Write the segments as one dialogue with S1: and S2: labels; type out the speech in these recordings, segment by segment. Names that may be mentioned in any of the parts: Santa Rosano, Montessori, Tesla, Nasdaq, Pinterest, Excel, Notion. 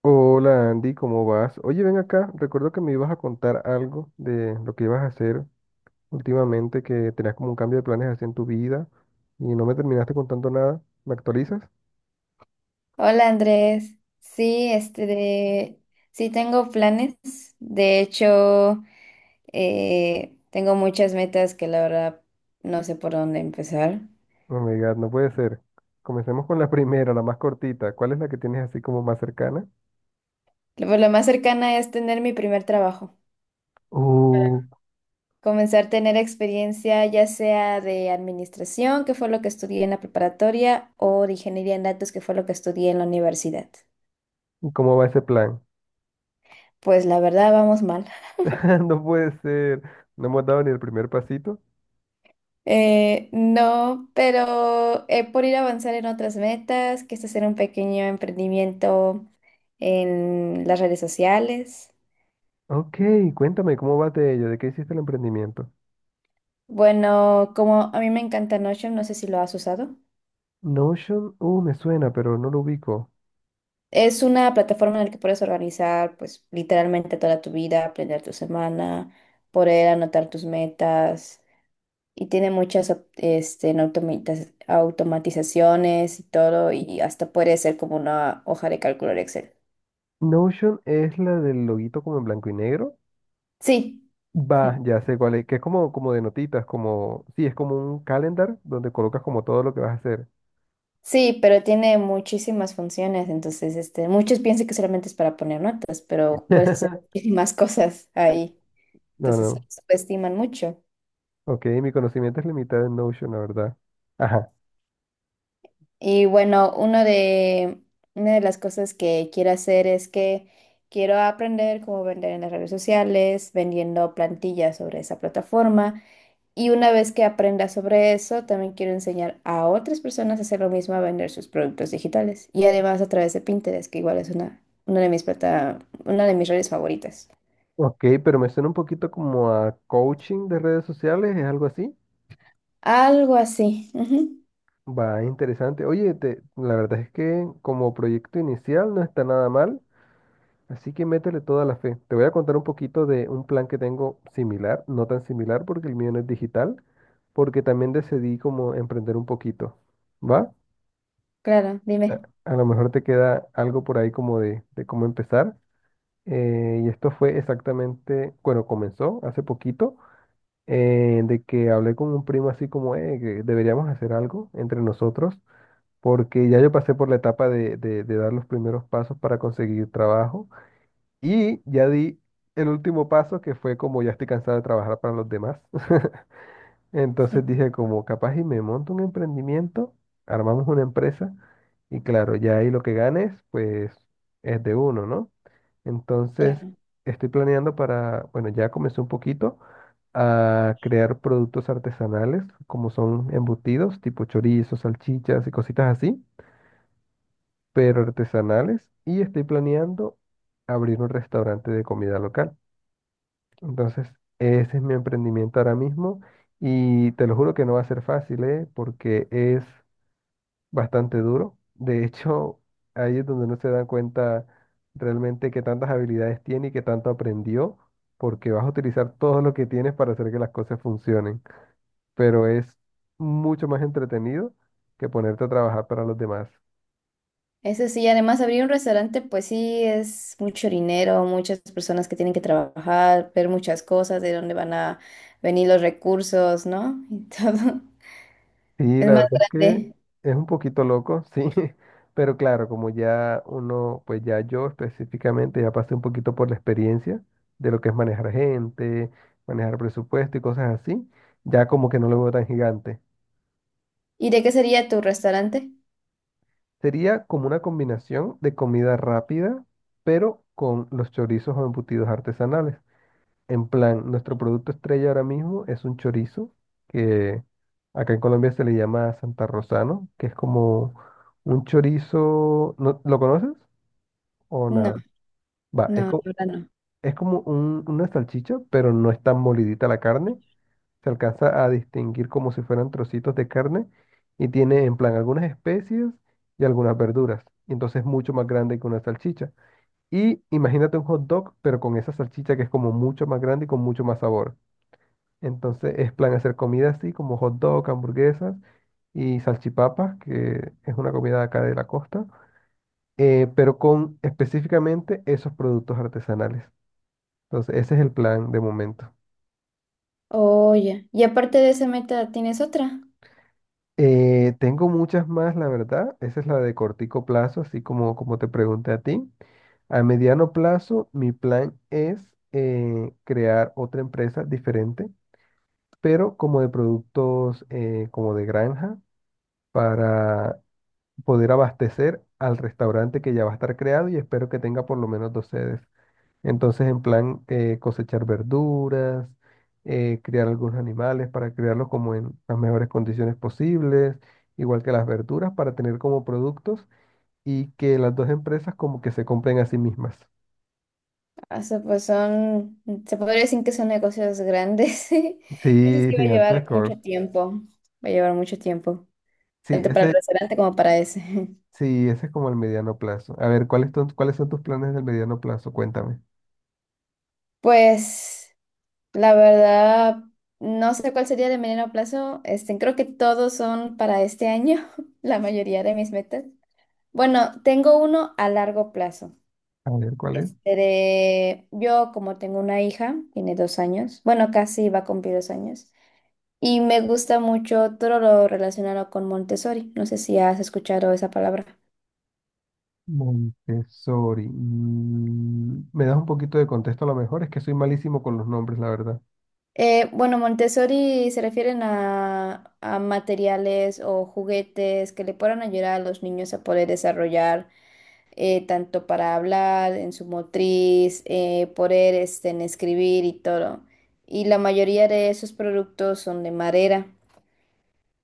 S1: Hola Andy, ¿cómo vas? Oye, ven acá, recuerdo que me ibas a contar algo de lo que ibas a hacer últimamente, que tenías como un cambio de planes así en tu vida y no me terminaste contando nada. ¿Me actualizas?
S2: Hola Andrés, sí, sí tengo planes, de hecho tengo muchas metas que la verdad no sé por dónde empezar.
S1: Oh my God, no puede ser. Comencemos con la primera, la más cortita. ¿Cuál es la que tienes así como más cercana?
S2: Pues, lo más cercana es tener mi primer trabajo,
S1: Uh,
S2: comenzar a tener experiencia ya sea de administración, que fue lo que estudié en la preparatoria, o de ingeniería en datos, que fue lo que estudié en la universidad.
S1: ¿Y cómo va ese plan?
S2: Pues la verdad vamos mal.
S1: No puede ser. No hemos dado ni el primer pasito.
S2: No, pero por ir a avanzar en otras metas, que es hacer un pequeño emprendimiento en las redes sociales.
S1: Ok, cuéntame, ¿cómo va de ella? ¿De qué hiciste el emprendimiento?
S2: Bueno, como a mí me encanta Notion, no sé si lo has usado.
S1: Notion, me suena, pero no lo ubico.
S2: Es una plataforma en la que puedes organizar, pues, literalmente toda tu vida, planear tu semana, poder anotar tus metas y tiene muchas automatizaciones y todo y hasta puede ser como una hoja de cálculo de Excel.
S1: Notion es la del loguito como en blanco y negro.
S2: Sí.
S1: Va, ya sé cuál es, que es como, como de notitas, como, sí, es como un calendar donde colocas como todo lo que vas a hacer.
S2: Sí, pero tiene muchísimas funciones, entonces muchos piensan que solamente es para poner notas, pero puedes hacer muchísimas cosas ahí,
S1: No,
S2: entonces lo
S1: no.
S2: subestiman mucho.
S1: Ok, mi conocimiento es limitado en Notion, la verdad. Ajá.
S2: Y bueno, una de las cosas que quiero hacer es que quiero aprender cómo vender en las redes sociales, vendiendo plantillas sobre esa plataforma. Y una vez que aprenda sobre eso, también quiero enseñar a otras personas a hacer lo mismo, a vender sus productos digitales. Y además a través de Pinterest, que igual es una de mis redes favoritas.
S1: Ok, pero me suena un poquito como a coaching de redes sociales, es algo así.
S2: Algo así. Ujú.
S1: Va, interesante. Oye, la verdad es que como proyecto inicial no está nada mal, así que métele toda la fe. Te voy a contar un poquito de un plan que tengo similar, no tan similar porque el mío no es digital, porque también decidí como emprender un poquito, ¿va?
S2: Claro,
S1: A,
S2: dime.
S1: a lo mejor te queda algo por ahí como de cómo empezar. Y esto fue exactamente, bueno, comenzó hace poquito, de que hablé con un primo así como, que deberíamos hacer algo entre nosotros, porque ya yo pasé por la etapa de dar los primeros pasos para conseguir trabajo y ya di el último paso que fue como ya estoy cansado de trabajar para los demás. Entonces dije, como capaz y me monto un emprendimiento, armamos una empresa y claro, ya ahí lo que ganes, pues es de uno, ¿no? Entonces
S2: Claro.
S1: estoy planeando para, bueno, ya comencé un poquito a crear productos artesanales, como son embutidos, tipo chorizos, salchichas y cositas así, pero artesanales, y estoy planeando abrir un restaurante de comida local. Entonces, ese es mi emprendimiento ahora mismo y te lo juro que no va a ser fácil, ¿eh? Porque es bastante duro. De hecho, ahí es donde no se dan cuenta realmente qué tantas habilidades tiene y qué tanto aprendió, porque vas a utilizar todo lo que tienes para hacer que las cosas funcionen. Pero es mucho más entretenido que ponerte a trabajar para los demás.
S2: Eso sí, además abrir un restaurante, pues sí, es mucho dinero, muchas personas que tienen que trabajar, ver muchas cosas, de dónde van a venir los recursos, ¿no? Y todo.
S1: Sí,
S2: Es
S1: la
S2: más
S1: verdad es que
S2: grande.
S1: es un poquito loco, sí, pero claro, como ya uno, pues ya yo específicamente ya pasé un poquito por la experiencia de lo que es manejar gente, manejar presupuesto y cosas así, ya como que no lo veo tan gigante.
S2: ¿Y de qué sería tu restaurante?
S1: Sería como una combinación de comida rápida, pero con los chorizos o embutidos artesanales. En plan, nuestro producto estrella ahora mismo es un chorizo, que acá en Colombia se le llama Santa Rosano, que es como un chorizo, ¿no, lo conoces o
S2: No,
S1: nada? Va,
S2: no, la verdad no.
S1: es como una salchicha, pero no es tan molidita la carne, se alcanza a distinguir como si fueran trocitos de carne y tiene en plan algunas especies y algunas verduras, y entonces es mucho más grande que una salchicha. Y imagínate un hot dog, pero con esa salchicha que es como mucho más grande y con mucho más sabor. Entonces es plan hacer comida así como hot dog, hamburguesas y salchipapas, que es una comida de acá de la costa, pero con específicamente esos productos artesanales. Entonces ese es el plan de momento.
S2: Oye, y aparte de esa meta, ¿tienes otra?
S1: Tengo muchas más, la verdad. Esa es la de cortico plazo, así como, como te pregunté a ti. A mediano plazo, mi plan es crear otra empresa diferente, pero como de productos como de granja para poder abastecer al restaurante que ya va a estar creado y espero que tenga por lo menos dos sedes. Entonces, en plan, cosechar verduras, criar algunos animales para criarlos como en las mejores condiciones posibles, igual que las verduras para tener como productos y que las dos empresas como que se compren a sí mismas.
S2: O sea, pues son, se podría decir que son negocios grandes. Eso
S1: Sí,
S2: sí va a llevar
S1: gigantesco.
S2: mucho tiempo. Va a llevar mucho tiempo,
S1: Sí,
S2: tanto para el
S1: ese,
S2: restaurante como para ese.
S1: sí, ese es como el mediano plazo. A ver, ¿cuáles son tus planes del mediano plazo? Cuéntame.
S2: Pues, la verdad, no sé cuál sería de mediano plazo. Creo que todos son para este año, la mayoría de mis metas. Bueno, tengo uno a largo plazo.
S1: A ver, ¿cuál es?
S2: De Yo, como tengo una hija, tiene 2 años, bueno, casi va a cumplir 2 años. Y me gusta mucho todo lo relacionado con Montessori. No sé si has escuchado esa palabra.
S1: Montessori. Mm, ¿me das un poquito de contexto a lo mejor? Es que soy malísimo con los nombres, la verdad.
S2: Bueno, Montessori se refieren a materiales o juguetes que le puedan ayudar a los niños a poder desarrollar tanto para hablar, en su motriz, poder en escribir y todo. Y la mayoría de esos productos son de madera.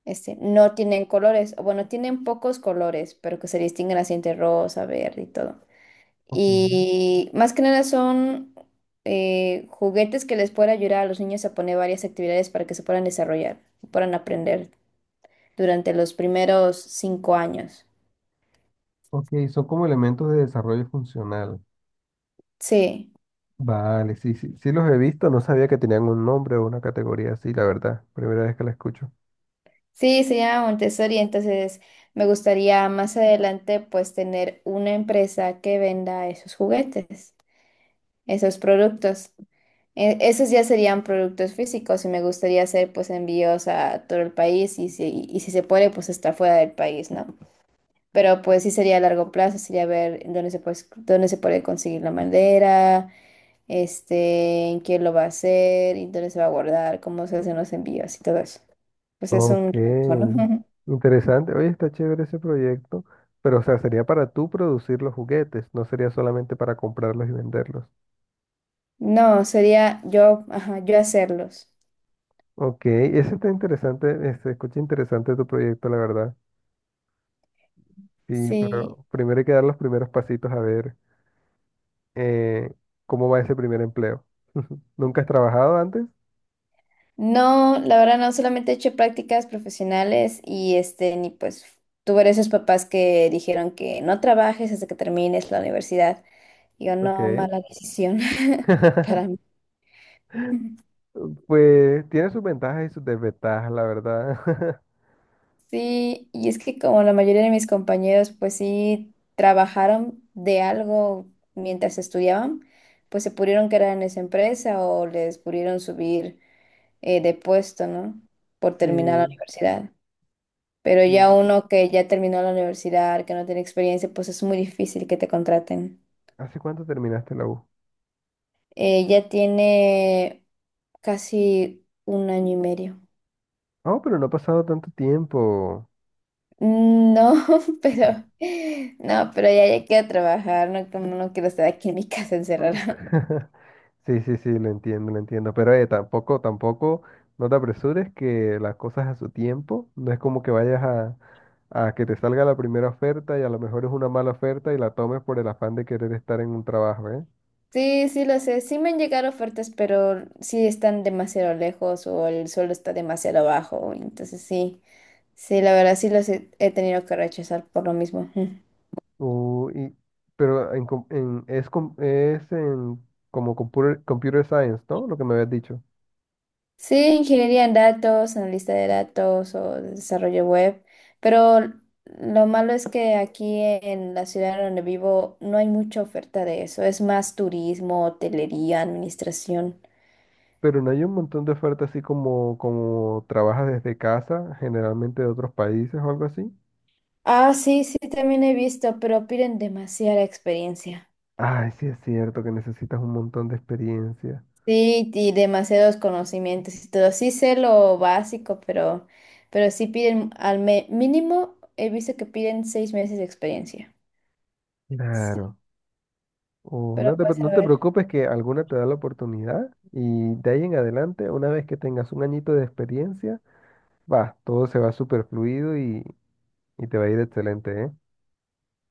S2: No tienen colores, o bueno, tienen pocos colores, pero que se distinguen así entre rosa, verde y todo.
S1: Ok.
S2: Y más que nada son juguetes que les pueden ayudar a los niños a poner varias actividades para que se puedan desarrollar, puedan aprender durante los primeros 5 años.
S1: Ok, son como elementos de desarrollo funcional.
S2: Sí,
S1: Vale, sí los he visto, no sabía que tenían un nombre o una categoría así, la verdad. Primera vez que la escucho.
S2: sí, se llama Montessori, entonces me gustaría más adelante pues tener una empresa que venda esos juguetes, esos productos. Esos ya serían productos físicos y me gustaría hacer pues envíos a todo el país y si se puede pues hasta fuera del país, ¿no? Pero pues sí sería a largo plazo, sería ver en dónde se puede conseguir la madera, en quién lo va a hacer, y dónde se va a guardar, cómo se hacen los envíos y todo eso. Pues es
S1: Ok,
S2: un trabajo, ¿no?
S1: interesante. Oye, está chévere ese proyecto, pero o sea, sería para tú producir los juguetes, no sería solamente para comprarlos y venderlos.
S2: No, sería yo, ajá, yo hacerlos.
S1: Ok, ese está interesante, se escucha interesante tu proyecto, la verdad. Sí,
S2: Sí.
S1: pero primero hay que dar los primeros pasitos a ver eh, cómo va ese primer empleo. ¿Nunca has trabajado antes?
S2: No, la verdad no, solamente he hecho prácticas profesionales y ni pues tuve esos papás que dijeron que no trabajes hasta que termines la universidad. Y yo no,
S1: Ok.
S2: mala decisión para mí.
S1: Pues tiene sus ventajas y sus desventajas, la verdad.
S2: Sí, y es que como la mayoría de mis compañeros, pues sí, trabajaron de algo mientras estudiaban, pues se pudieron quedar en esa empresa o les pudieron subir de puesto, ¿no? Por terminar la
S1: Sí.
S2: universidad. Pero ya
S1: Sí.
S2: uno que ya terminó la universidad, que no tiene experiencia, pues es muy difícil que te contraten.
S1: ¿Hace cuánto terminaste la U?
S2: Ya tiene casi un año y medio.
S1: Oh, pero no ha pasado tanto tiempo.
S2: No, pero no, pero ya quiero trabajar, no, como no quiero estar aquí en mi casa
S1: Mm.
S2: encerrada.
S1: Sí, sí, sí, lo entiendo, lo entiendo. Pero tampoco, no te apresures que las cosas a su tiempo. No es como que vayas a que te salga la primera oferta y a lo mejor es una mala oferta y la tomes por el afán de querer estar en un trabajo, ¿eh?
S2: Sí, sí lo sé, sí me han llegado ofertas, pero sí están demasiado lejos o el suelo está demasiado bajo, entonces sí, sí, la verdad sí los he tenido que rechazar por lo mismo.
S1: O- y, pero en, com- en- es, com- es en, como computer science, ¿no? Lo que me habías dicho.
S2: Sí, ingeniería en datos, analista de datos o desarrollo web, pero lo malo es que aquí en la ciudad donde vivo no hay mucha oferta de eso, es más turismo, hotelería, administración.
S1: Pero no hay un montón de ofertas así como, como trabajas desde casa, generalmente de otros países o algo así.
S2: Ah, sí, sí, también he visto, pero piden demasiada experiencia.
S1: Ay, sí es cierto que necesitas un montón de experiencia.
S2: Sí, y demasiados conocimientos y todo. Sí sé lo básico, pero sí piden al mínimo, he visto que piden 6 meses de experiencia. Sí.
S1: Claro. O
S2: Pero
S1: no te, pre-
S2: pues a
S1: no te
S2: ver.
S1: preocupes que alguna te da la oportunidad y de ahí en adelante, una vez que tengas un añito de experiencia, va, todo se va súper fluido y te va a ir excelente, ¿eh?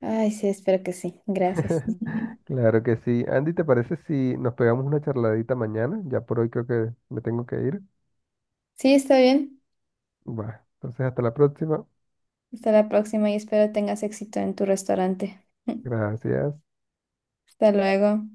S2: Ay, sí, espero que sí. Gracias.
S1: Claro que sí. Andy, ¿te parece si nos pegamos una charladita mañana? Ya por hoy creo que me tengo que ir.
S2: Sí, está bien.
S1: Va, entonces hasta la próxima.
S2: Hasta la próxima y espero tengas éxito en tu restaurante.
S1: Gracias.
S2: Hasta luego.